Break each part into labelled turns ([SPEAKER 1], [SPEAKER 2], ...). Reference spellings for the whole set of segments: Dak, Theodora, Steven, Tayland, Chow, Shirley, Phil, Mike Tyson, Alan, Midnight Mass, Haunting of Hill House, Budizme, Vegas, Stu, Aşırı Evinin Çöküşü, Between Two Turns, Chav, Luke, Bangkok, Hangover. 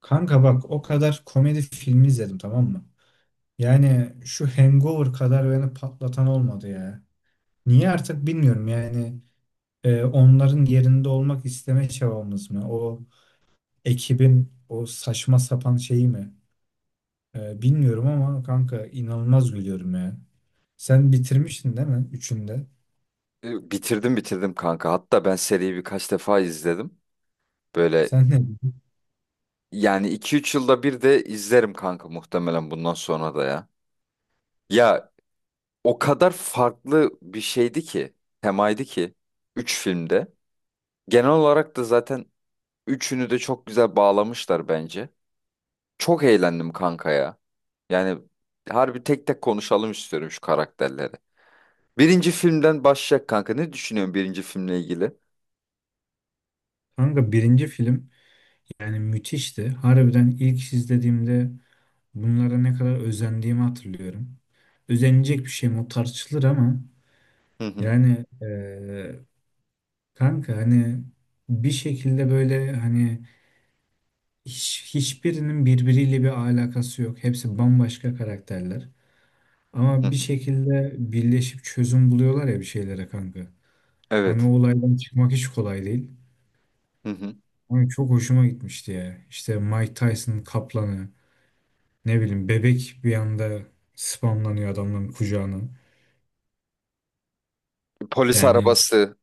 [SPEAKER 1] Kanka bak, o kadar komedi filmi izledim, tamam mı? Yani şu Hangover kadar beni patlatan olmadı ya. Niye artık bilmiyorum yani, onların yerinde olmak isteme çabamız mı? O ekibin o saçma sapan şeyi mi? Bilmiyorum ama kanka inanılmaz gülüyorum ya. Sen bitirmiştin değil mi? Üçünde.
[SPEAKER 2] Bitirdim kanka. Hatta ben seriyi birkaç defa izledim. Böyle
[SPEAKER 1] Sen ne dedin?
[SPEAKER 2] yani 2-3 yılda bir de izlerim kanka muhtemelen bundan sonra da ya. Ya o kadar farklı bir şeydi ki, temaydı ki 3 filmde. Genel olarak da zaten üçünü de çok güzel bağlamışlar bence. Çok eğlendim kanka ya. Yani harbi tek tek konuşalım istiyorum şu karakterleri. Birinci filmden başlayacak kanka. Ne düşünüyorsun birinci filmle ilgili?
[SPEAKER 1] Kanka birinci film yani müthişti. Harbiden ilk izlediğimde bunlara ne kadar özendiğimi hatırlıyorum. Özenilecek bir şey mi? O tartışılır ama
[SPEAKER 2] Hı hı.
[SPEAKER 1] yani kanka hani bir şekilde böyle hani hiçbirinin birbiriyle bir alakası yok. Hepsi bambaşka karakterler.
[SPEAKER 2] Hı
[SPEAKER 1] Ama bir
[SPEAKER 2] hı.
[SPEAKER 1] şekilde birleşip çözüm buluyorlar ya bir şeylere kanka. Hani o
[SPEAKER 2] Evet.
[SPEAKER 1] olaydan çıkmak hiç kolay değil.
[SPEAKER 2] Hı hı.
[SPEAKER 1] Ama çok hoşuma gitmişti ya. İşte Mike Tyson'ın kaplanı, ne bileyim bebek bir anda spamlanıyor adamların kucağına.
[SPEAKER 2] Polis
[SPEAKER 1] Yani,
[SPEAKER 2] arabası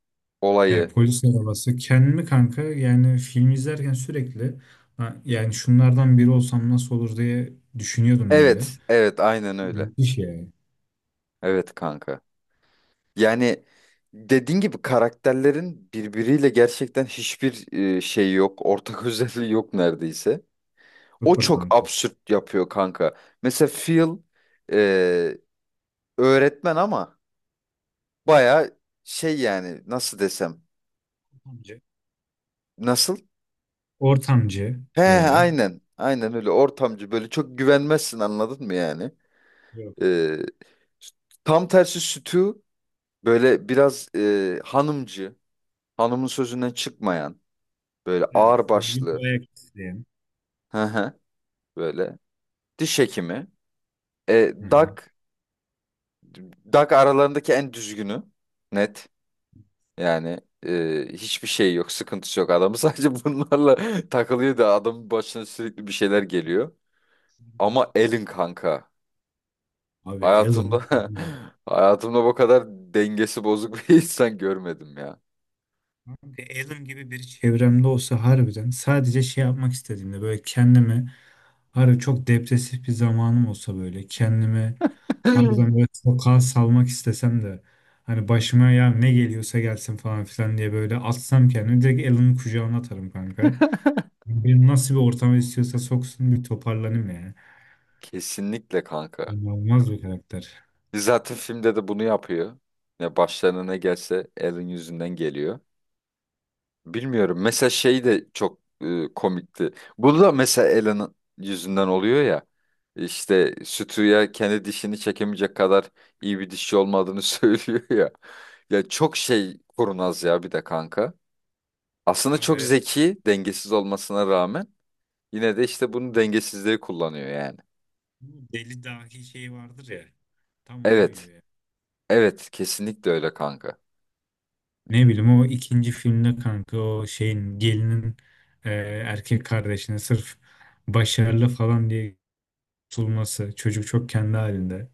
[SPEAKER 1] E,
[SPEAKER 2] olayı.
[SPEAKER 1] polis arabası. Kendimi kanka yani film izlerken sürekli "Ha, yani şunlardan biri olsam nasıl olur" diye düşünüyordum böyle.
[SPEAKER 2] Evet, evet, aynen öyle.
[SPEAKER 1] Müthiş yani.
[SPEAKER 2] Evet kanka. Yani dediğin gibi karakterlerin birbiriyle gerçekten hiçbir şey yok. Ortak özelliği yok neredeyse. O
[SPEAKER 1] Sıfır
[SPEAKER 2] çok
[SPEAKER 1] kanka.
[SPEAKER 2] absürt yapıyor kanka. Mesela Phil e, öğretmen ama baya şey yani nasıl desem.
[SPEAKER 1] Ortamcı.
[SPEAKER 2] Nasıl?
[SPEAKER 1] Ortamcı
[SPEAKER 2] He
[SPEAKER 1] böyle.
[SPEAKER 2] aynen. Aynen öyle ortamcı böyle çok güvenmezsin anladın mı yani?
[SPEAKER 1] Yok.
[SPEAKER 2] E, Tam tersi Stu. Böyle biraz hanımcı, hanımın sözünden çıkmayan, böyle
[SPEAKER 1] Evet. Düzgün
[SPEAKER 2] ağırbaşlı,
[SPEAKER 1] bir ayak isteyen.
[SPEAKER 2] hı hı, böyle diş hekimi. E,
[SPEAKER 1] Hı hı.
[SPEAKER 2] Dak, Dak aralarındaki en düzgünü, net. Yani hiçbir şey yok, sıkıntısı yok. Adamı sadece bunlarla takılıyor da adamın başına sürekli bir şeyler geliyor. Ama Elin kanka,
[SPEAKER 1] Abi Alan.
[SPEAKER 2] hayatımda hayatımda bu kadar dengesi bozuk bir insan görmedim ya.
[SPEAKER 1] Kanka Alan gibi biri çevremde olsa, harbiden sadece şey yapmak istediğimde böyle kendimi, harbi çok depresif bir zamanım olsa böyle kendimi, harbiden böyle sokağa salmak istesem de, hani başıma ya ne geliyorsa gelsin falan filan diye böyle atsam, kendimi direkt Alan'ın kucağına atarım kanka. Beni nasıl bir ortama istiyorsa soksun, bir toparlanayım yani.
[SPEAKER 2] Kesinlikle kanka.
[SPEAKER 1] İnanılmaz bir karakter.
[SPEAKER 2] Zaten filmde de bunu yapıyor. Ya başlarına ne gelse Alan yüzünden geliyor. Bilmiyorum. Mesela şey de çok komikti. Bu da mesela Alan'ın yüzünden oluyor ya. İşte Stu'ya kendi dişini çekemeyecek kadar iyi bir dişçi olmadığını söylüyor ya. Ya çok şey kurnaz ya bir de kanka. Aslında
[SPEAKER 1] Abi
[SPEAKER 2] çok
[SPEAKER 1] evet.
[SPEAKER 2] zeki, dengesiz olmasına rağmen yine de işte bunu dengesizliği kullanıyor yani.
[SPEAKER 1] Bu deli dahi şey vardır ya. Tam ona
[SPEAKER 2] Evet.
[SPEAKER 1] uyuyor.
[SPEAKER 2] Evet, kesinlikle öyle kanka.
[SPEAKER 1] Ne bileyim o ikinci filmde kanka o şeyin gelinin e, erkek kardeşine sırf başarılı falan diye tutulması. Çocuk çok kendi halinde.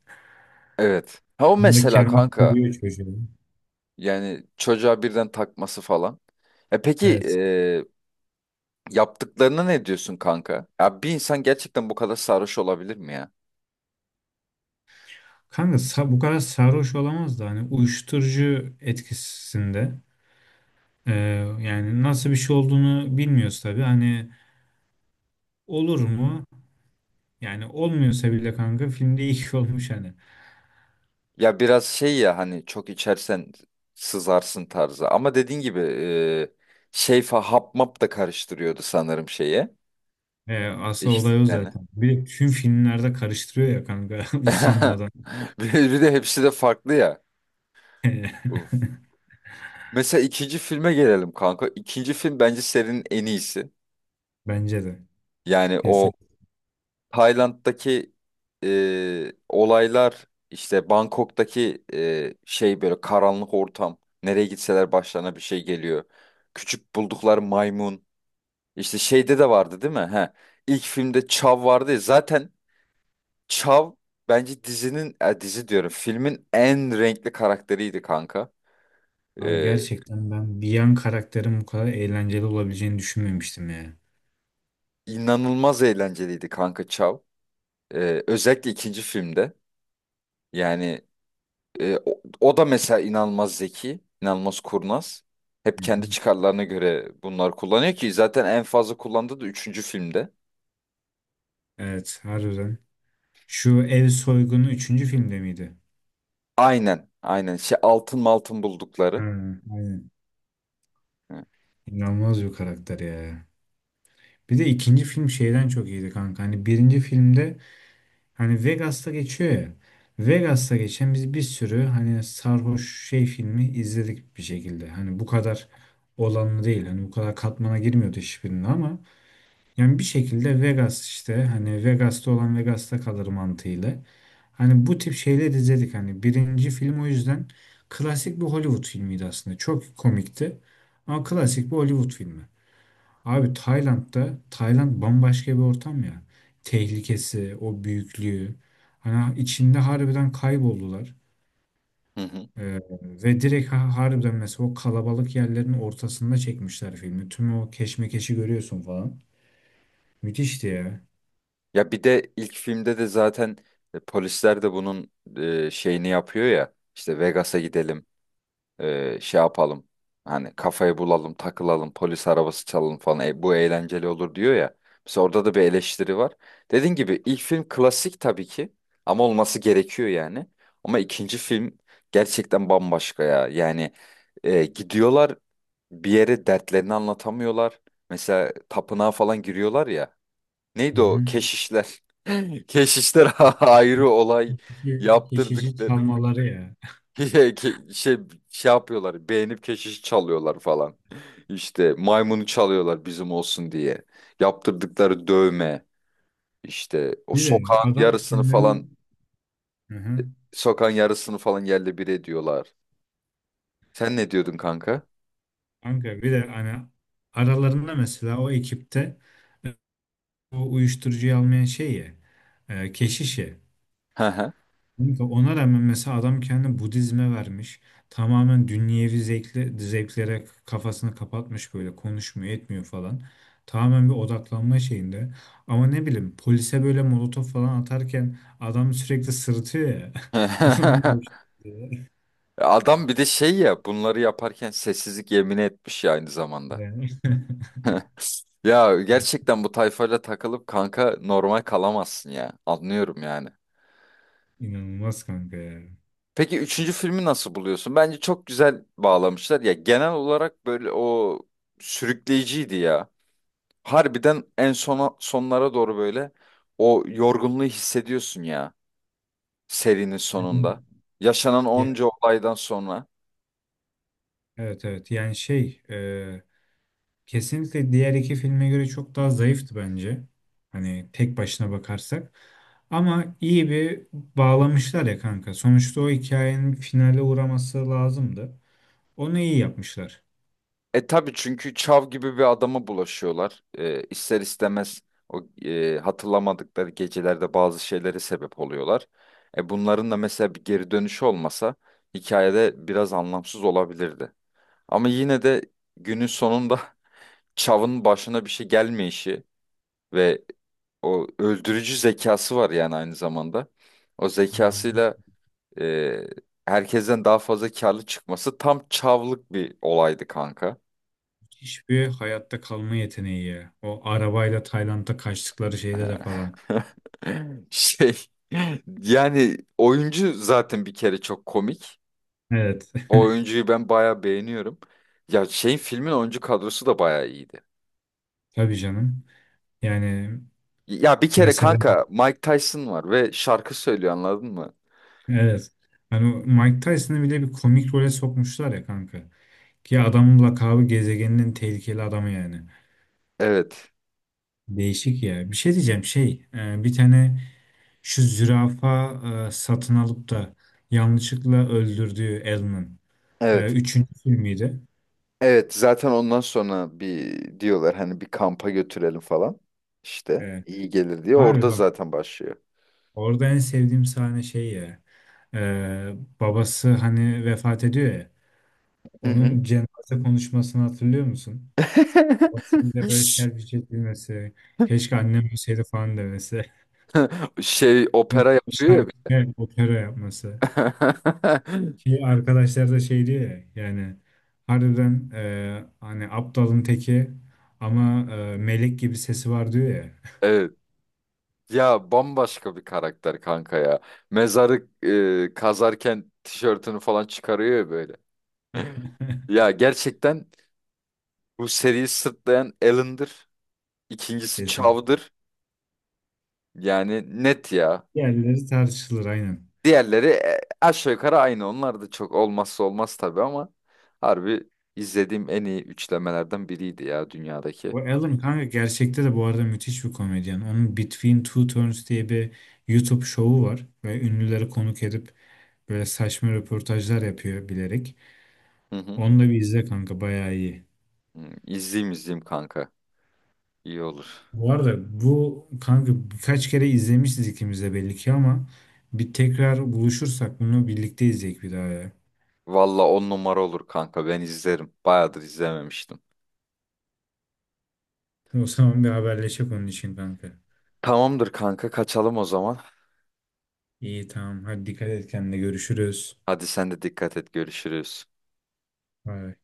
[SPEAKER 2] Evet. Ha o
[SPEAKER 1] Onu da
[SPEAKER 2] mesela
[SPEAKER 1] kendi
[SPEAKER 2] kanka.
[SPEAKER 1] kuruyor çocuğu.
[SPEAKER 2] Yani çocuğa birden takması falan. E peki
[SPEAKER 1] Evet.
[SPEAKER 2] yaptıklarına ne diyorsun kanka? Ya bir insan gerçekten bu kadar sarhoş olabilir mi ya?
[SPEAKER 1] Kanka bu kadar sarhoş olamaz da hani uyuşturucu etkisinde. E, yani nasıl bir şey olduğunu bilmiyoruz tabii. Hani olur mu? Yani olmuyorsa bile kanka filmde iyi ki olmuş hani.
[SPEAKER 2] Ya biraz şey ya hani çok içersen sızarsın tarzı. Ama dediğin gibi şey fa hap map da karıştırıyordu sanırım şeye.
[SPEAKER 1] Asıl olay o
[SPEAKER 2] İçtiklerini.
[SPEAKER 1] zaten. Bir de tüm filmlerde karıştırıyor ya kanka usanmadan.
[SPEAKER 2] Bir de hepsi de farklı ya. Uf. Mesela ikinci filme gelelim kanka. İkinci film bence serinin en iyisi.
[SPEAKER 1] Bence de.
[SPEAKER 2] Yani o
[SPEAKER 1] Kesin.
[SPEAKER 2] Tayland'daki olaylar işte Bangkok'taki şey böyle karanlık ortam. Nereye gitseler başlarına bir şey geliyor. Küçük buldukları maymun. İşte şeyde de vardı değil mi? He. İlk filmde Chav vardı ya. Zaten Chav bence dizinin dizi diyorum filmin en renkli karakteriydi kanka.
[SPEAKER 1] Abi
[SPEAKER 2] E,
[SPEAKER 1] gerçekten ben bir yan karakterin bu kadar eğlenceli olabileceğini düşünmemiştim ya.
[SPEAKER 2] inanılmaz eğlenceliydi kanka Chav. Özellikle ikinci filmde. Yani O da mesela inanılmaz zeki, inanılmaz kurnaz. Hep
[SPEAKER 1] Hı hı.
[SPEAKER 2] kendi çıkarlarına göre bunlar kullanıyor ki zaten en fazla kullandığı da üçüncü filmde.
[SPEAKER 1] Evet, harbiden. Şu ev soygunu üçüncü filmde miydi?
[SPEAKER 2] Aynen, aynen. Şey altın altın
[SPEAKER 1] Ha,
[SPEAKER 2] buldukları.
[SPEAKER 1] aynen.
[SPEAKER 2] Hı
[SPEAKER 1] İnanılmaz bir karakter ya. Bir de ikinci film şeyden çok iyiydi kanka. Hani birinci filmde hani Vegas'ta geçiyor ya. Vegas'ta geçen biz bir sürü hani sarhoş şey filmi izledik bir şekilde. Hani bu kadar olanlı değil. Hani bu kadar katmana girmiyordu hiçbirinde ama yani bir şekilde Vegas, işte hani Vegas'ta olan Vegas'ta kalır mantığıyla. Hani bu tip şeyleri izledik hani, birinci film o yüzden klasik bir Hollywood filmiydi aslında. Çok komikti ama klasik bir Hollywood filmi. Abi Tayland'da, Tayland bambaşka bir ortam ya. Tehlikesi, o büyüklüğü. Hani içinde harbiden kayboldular.
[SPEAKER 2] hı. Hı.
[SPEAKER 1] Ee, ve direkt harbiden mesela o kalabalık yerlerin ortasında çekmişler filmi. Tüm o keşmekeşi görüyorsun falan. Müthişti ya.
[SPEAKER 2] Ya bir de ilk filmde de zaten polisler de bunun şeyini yapıyor ya. İşte Vegas'a gidelim. Şey yapalım. Hani kafayı bulalım, takılalım, polis arabası çalalım falan. E, bu eğlenceli olur diyor ya. Mesela orada da bir eleştiri var. Dediğin gibi ilk film klasik tabii ki. Ama olması gerekiyor yani. Ama ikinci film gerçekten bambaşka ya. Yani gidiyorlar bir yere dertlerini anlatamıyorlar. Mesela tapınağa falan giriyorlar ya.
[SPEAKER 1] Hı
[SPEAKER 2] Neydi
[SPEAKER 1] hı.
[SPEAKER 2] o? Keşişler. Keşişler ayrı olay
[SPEAKER 1] Geçici geçici
[SPEAKER 2] yaptırdık.
[SPEAKER 1] çalmaları ya.
[SPEAKER 2] Ke- şey şey yapıyorlar beğenip keşiş çalıyorlar falan. İşte maymunu çalıyorlar bizim olsun diye. Yaptırdıkları dövme işte o
[SPEAKER 1] Bir de
[SPEAKER 2] sokağın
[SPEAKER 1] adam
[SPEAKER 2] yarısını falan
[SPEAKER 1] kendinin. Hı hı.
[SPEAKER 2] sokağın yarısını falan yerle bir ediyorlar. Sen ne diyordun kanka?
[SPEAKER 1] Kanka bir de hani aralarında mesela o ekipte o uyuşturucuyu almayan şey ya, keşiş ya.
[SPEAKER 2] Hı hı.
[SPEAKER 1] Kanka ona rağmen mesela adam kendini Budizme vermiş. Tamamen dünyevi zevklere kafasını kapatmış, böyle konuşmuyor etmiyor falan. Tamamen bir odaklanma şeyinde. Ama ne bileyim polise böyle molotof falan atarken adam sürekli sırıtıyor ya. Onun da hoşuna gidiyor.
[SPEAKER 2] Adam bir de şey ya bunları yaparken sessizlik yemini etmiş ya aynı zamanda.
[SPEAKER 1] Yani.
[SPEAKER 2] Ya gerçekten bu tayfayla takılıp kanka normal kalamazsın ya. Anlıyorum yani.
[SPEAKER 1] İnanılmaz kanka ya.
[SPEAKER 2] Peki üçüncü filmi nasıl buluyorsun? Bence çok güzel bağlamışlar. Ya genel olarak böyle o sürükleyiciydi ya. Harbiden en sona sonlara doğru böyle o yorgunluğu hissediyorsun ya serinin
[SPEAKER 1] Yani.
[SPEAKER 2] sonunda. Yaşanan
[SPEAKER 1] Ya,
[SPEAKER 2] onca olaydan sonra.
[SPEAKER 1] evet evet, yani şey, kesinlikle diğer iki filme göre çok daha zayıftı bence. Hani tek başına bakarsak. Ama iyi bir bağlamışlar ya kanka. Sonuçta o hikayenin finale uğraması lazımdı. Onu iyi yapmışlar.
[SPEAKER 2] Tabii çünkü Çav gibi bir adama bulaşıyorlar. E, ister istemez o hatırlamadıkları gecelerde bazı şeylere sebep oluyorlar. Bunların da mesela bir geri dönüşü olmasa hikayede biraz anlamsız olabilirdi. Ama yine de günün sonunda Çav'ın başına bir şey gelmeyişi ve o öldürücü zekası var yani aynı zamanda. O
[SPEAKER 1] Yani
[SPEAKER 2] zekasıyla e, herkesten daha fazla karlı çıkması tam Çav'lık bir olaydı kanka.
[SPEAKER 1] müthiş bir hayatta kalma yeteneği ya. O arabayla Tayland'a kaçtıkları şeyde de falan.
[SPEAKER 2] Şey yani oyuncu zaten bir kere çok komik.
[SPEAKER 1] Evet.
[SPEAKER 2] O oyuncuyu ben bayağı beğeniyorum. Ya şeyin filmin oyuncu kadrosu da bayağı iyiydi.
[SPEAKER 1] Tabii canım. Yani
[SPEAKER 2] Ya bir kere
[SPEAKER 1] mesela.
[SPEAKER 2] kanka Mike Tyson var ve şarkı söylüyor anladın mı?
[SPEAKER 1] Evet. Hani o Mike Tyson'ı bile bir komik role sokmuşlar ya kanka. Ki adamın lakabı gezegeninin tehlikeli adamı yani.
[SPEAKER 2] Evet.
[SPEAKER 1] Değişik ya. Bir şey diyeceğim şey. Bir tane şu zürafa satın alıp da yanlışlıkla öldürdüğü Alan'ın.
[SPEAKER 2] Evet.
[SPEAKER 1] Üçüncü filmiydi.
[SPEAKER 2] Evet. Zaten ondan sonra bir diyorlar hani bir kampa götürelim falan. İşte
[SPEAKER 1] Evet.
[SPEAKER 2] iyi gelir diye
[SPEAKER 1] Abi
[SPEAKER 2] orada
[SPEAKER 1] bak,
[SPEAKER 2] zaten başlıyor.
[SPEAKER 1] orada en sevdiğim sahne şey ya. e, Babası hani vefat ediyor ya.
[SPEAKER 2] Hı hı.
[SPEAKER 1] Onun cenaze konuşmasını hatırlıyor musun? Aslında böyle servis bilmesi. Keşke annem ölseydi falan demesi.
[SPEAKER 2] Şey
[SPEAKER 1] Yani
[SPEAKER 2] opera yapıyor ya. Bir-
[SPEAKER 1] şarkı, opera yapması. Ki arkadaşlar da şey diyor ya yani, harbiden hani aptalın teki ama melek gibi sesi var diyor ya.
[SPEAKER 2] Evet. Ya bambaşka bir karakter kanka ya. Mezarı kazarken tişörtünü falan çıkarıyor ya böyle. Ya gerçekten bu seriyi sırtlayan Alan'dır. İkincisi
[SPEAKER 1] Kesin.
[SPEAKER 2] Chow'dır. Yani net ya.
[SPEAKER 1] Diğerleri tartışılır, aynen.
[SPEAKER 2] Diğerleri aşağı yukarı aynı. Onlar da çok olmazsa olmaz tabii ama harbi izlediğim en iyi üçlemelerden biriydi ya dünyadaki.
[SPEAKER 1] O Alan kanka gerçekte de bu arada müthiş bir komedyen. Onun Between Two Turns diye bir YouTube şovu var. Ve ünlüleri konuk edip böyle saçma röportajlar yapıyor bilerek.
[SPEAKER 2] Hı hı.
[SPEAKER 1] Onu da bir izle kanka, bayağı iyi.
[SPEAKER 2] Hı, İzleyeyim izleyeyim kanka. İyi olur.
[SPEAKER 1] Bu arada bu kanka, birkaç kere izlemişiz ikimiz de belli ki, ama bir tekrar buluşursak bunu birlikte izleyek bir daha ya.
[SPEAKER 2] Valla on numara olur kanka. Ben izlerim. Bayağıdır izlememiştim.
[SPEAKER 1] O zaman bir haberleşek onun için kanka.
[SPEAKER 2] Tamamdır kanka kaçalım o zaman.
[SPEAKER 1] İyi, tamam, hadi dikkat et kendine, görüşürüz.
[SPEAKER 2] Hadi sen de dikkat et görüşürüz.
[SPEAKER 1] Bay bay.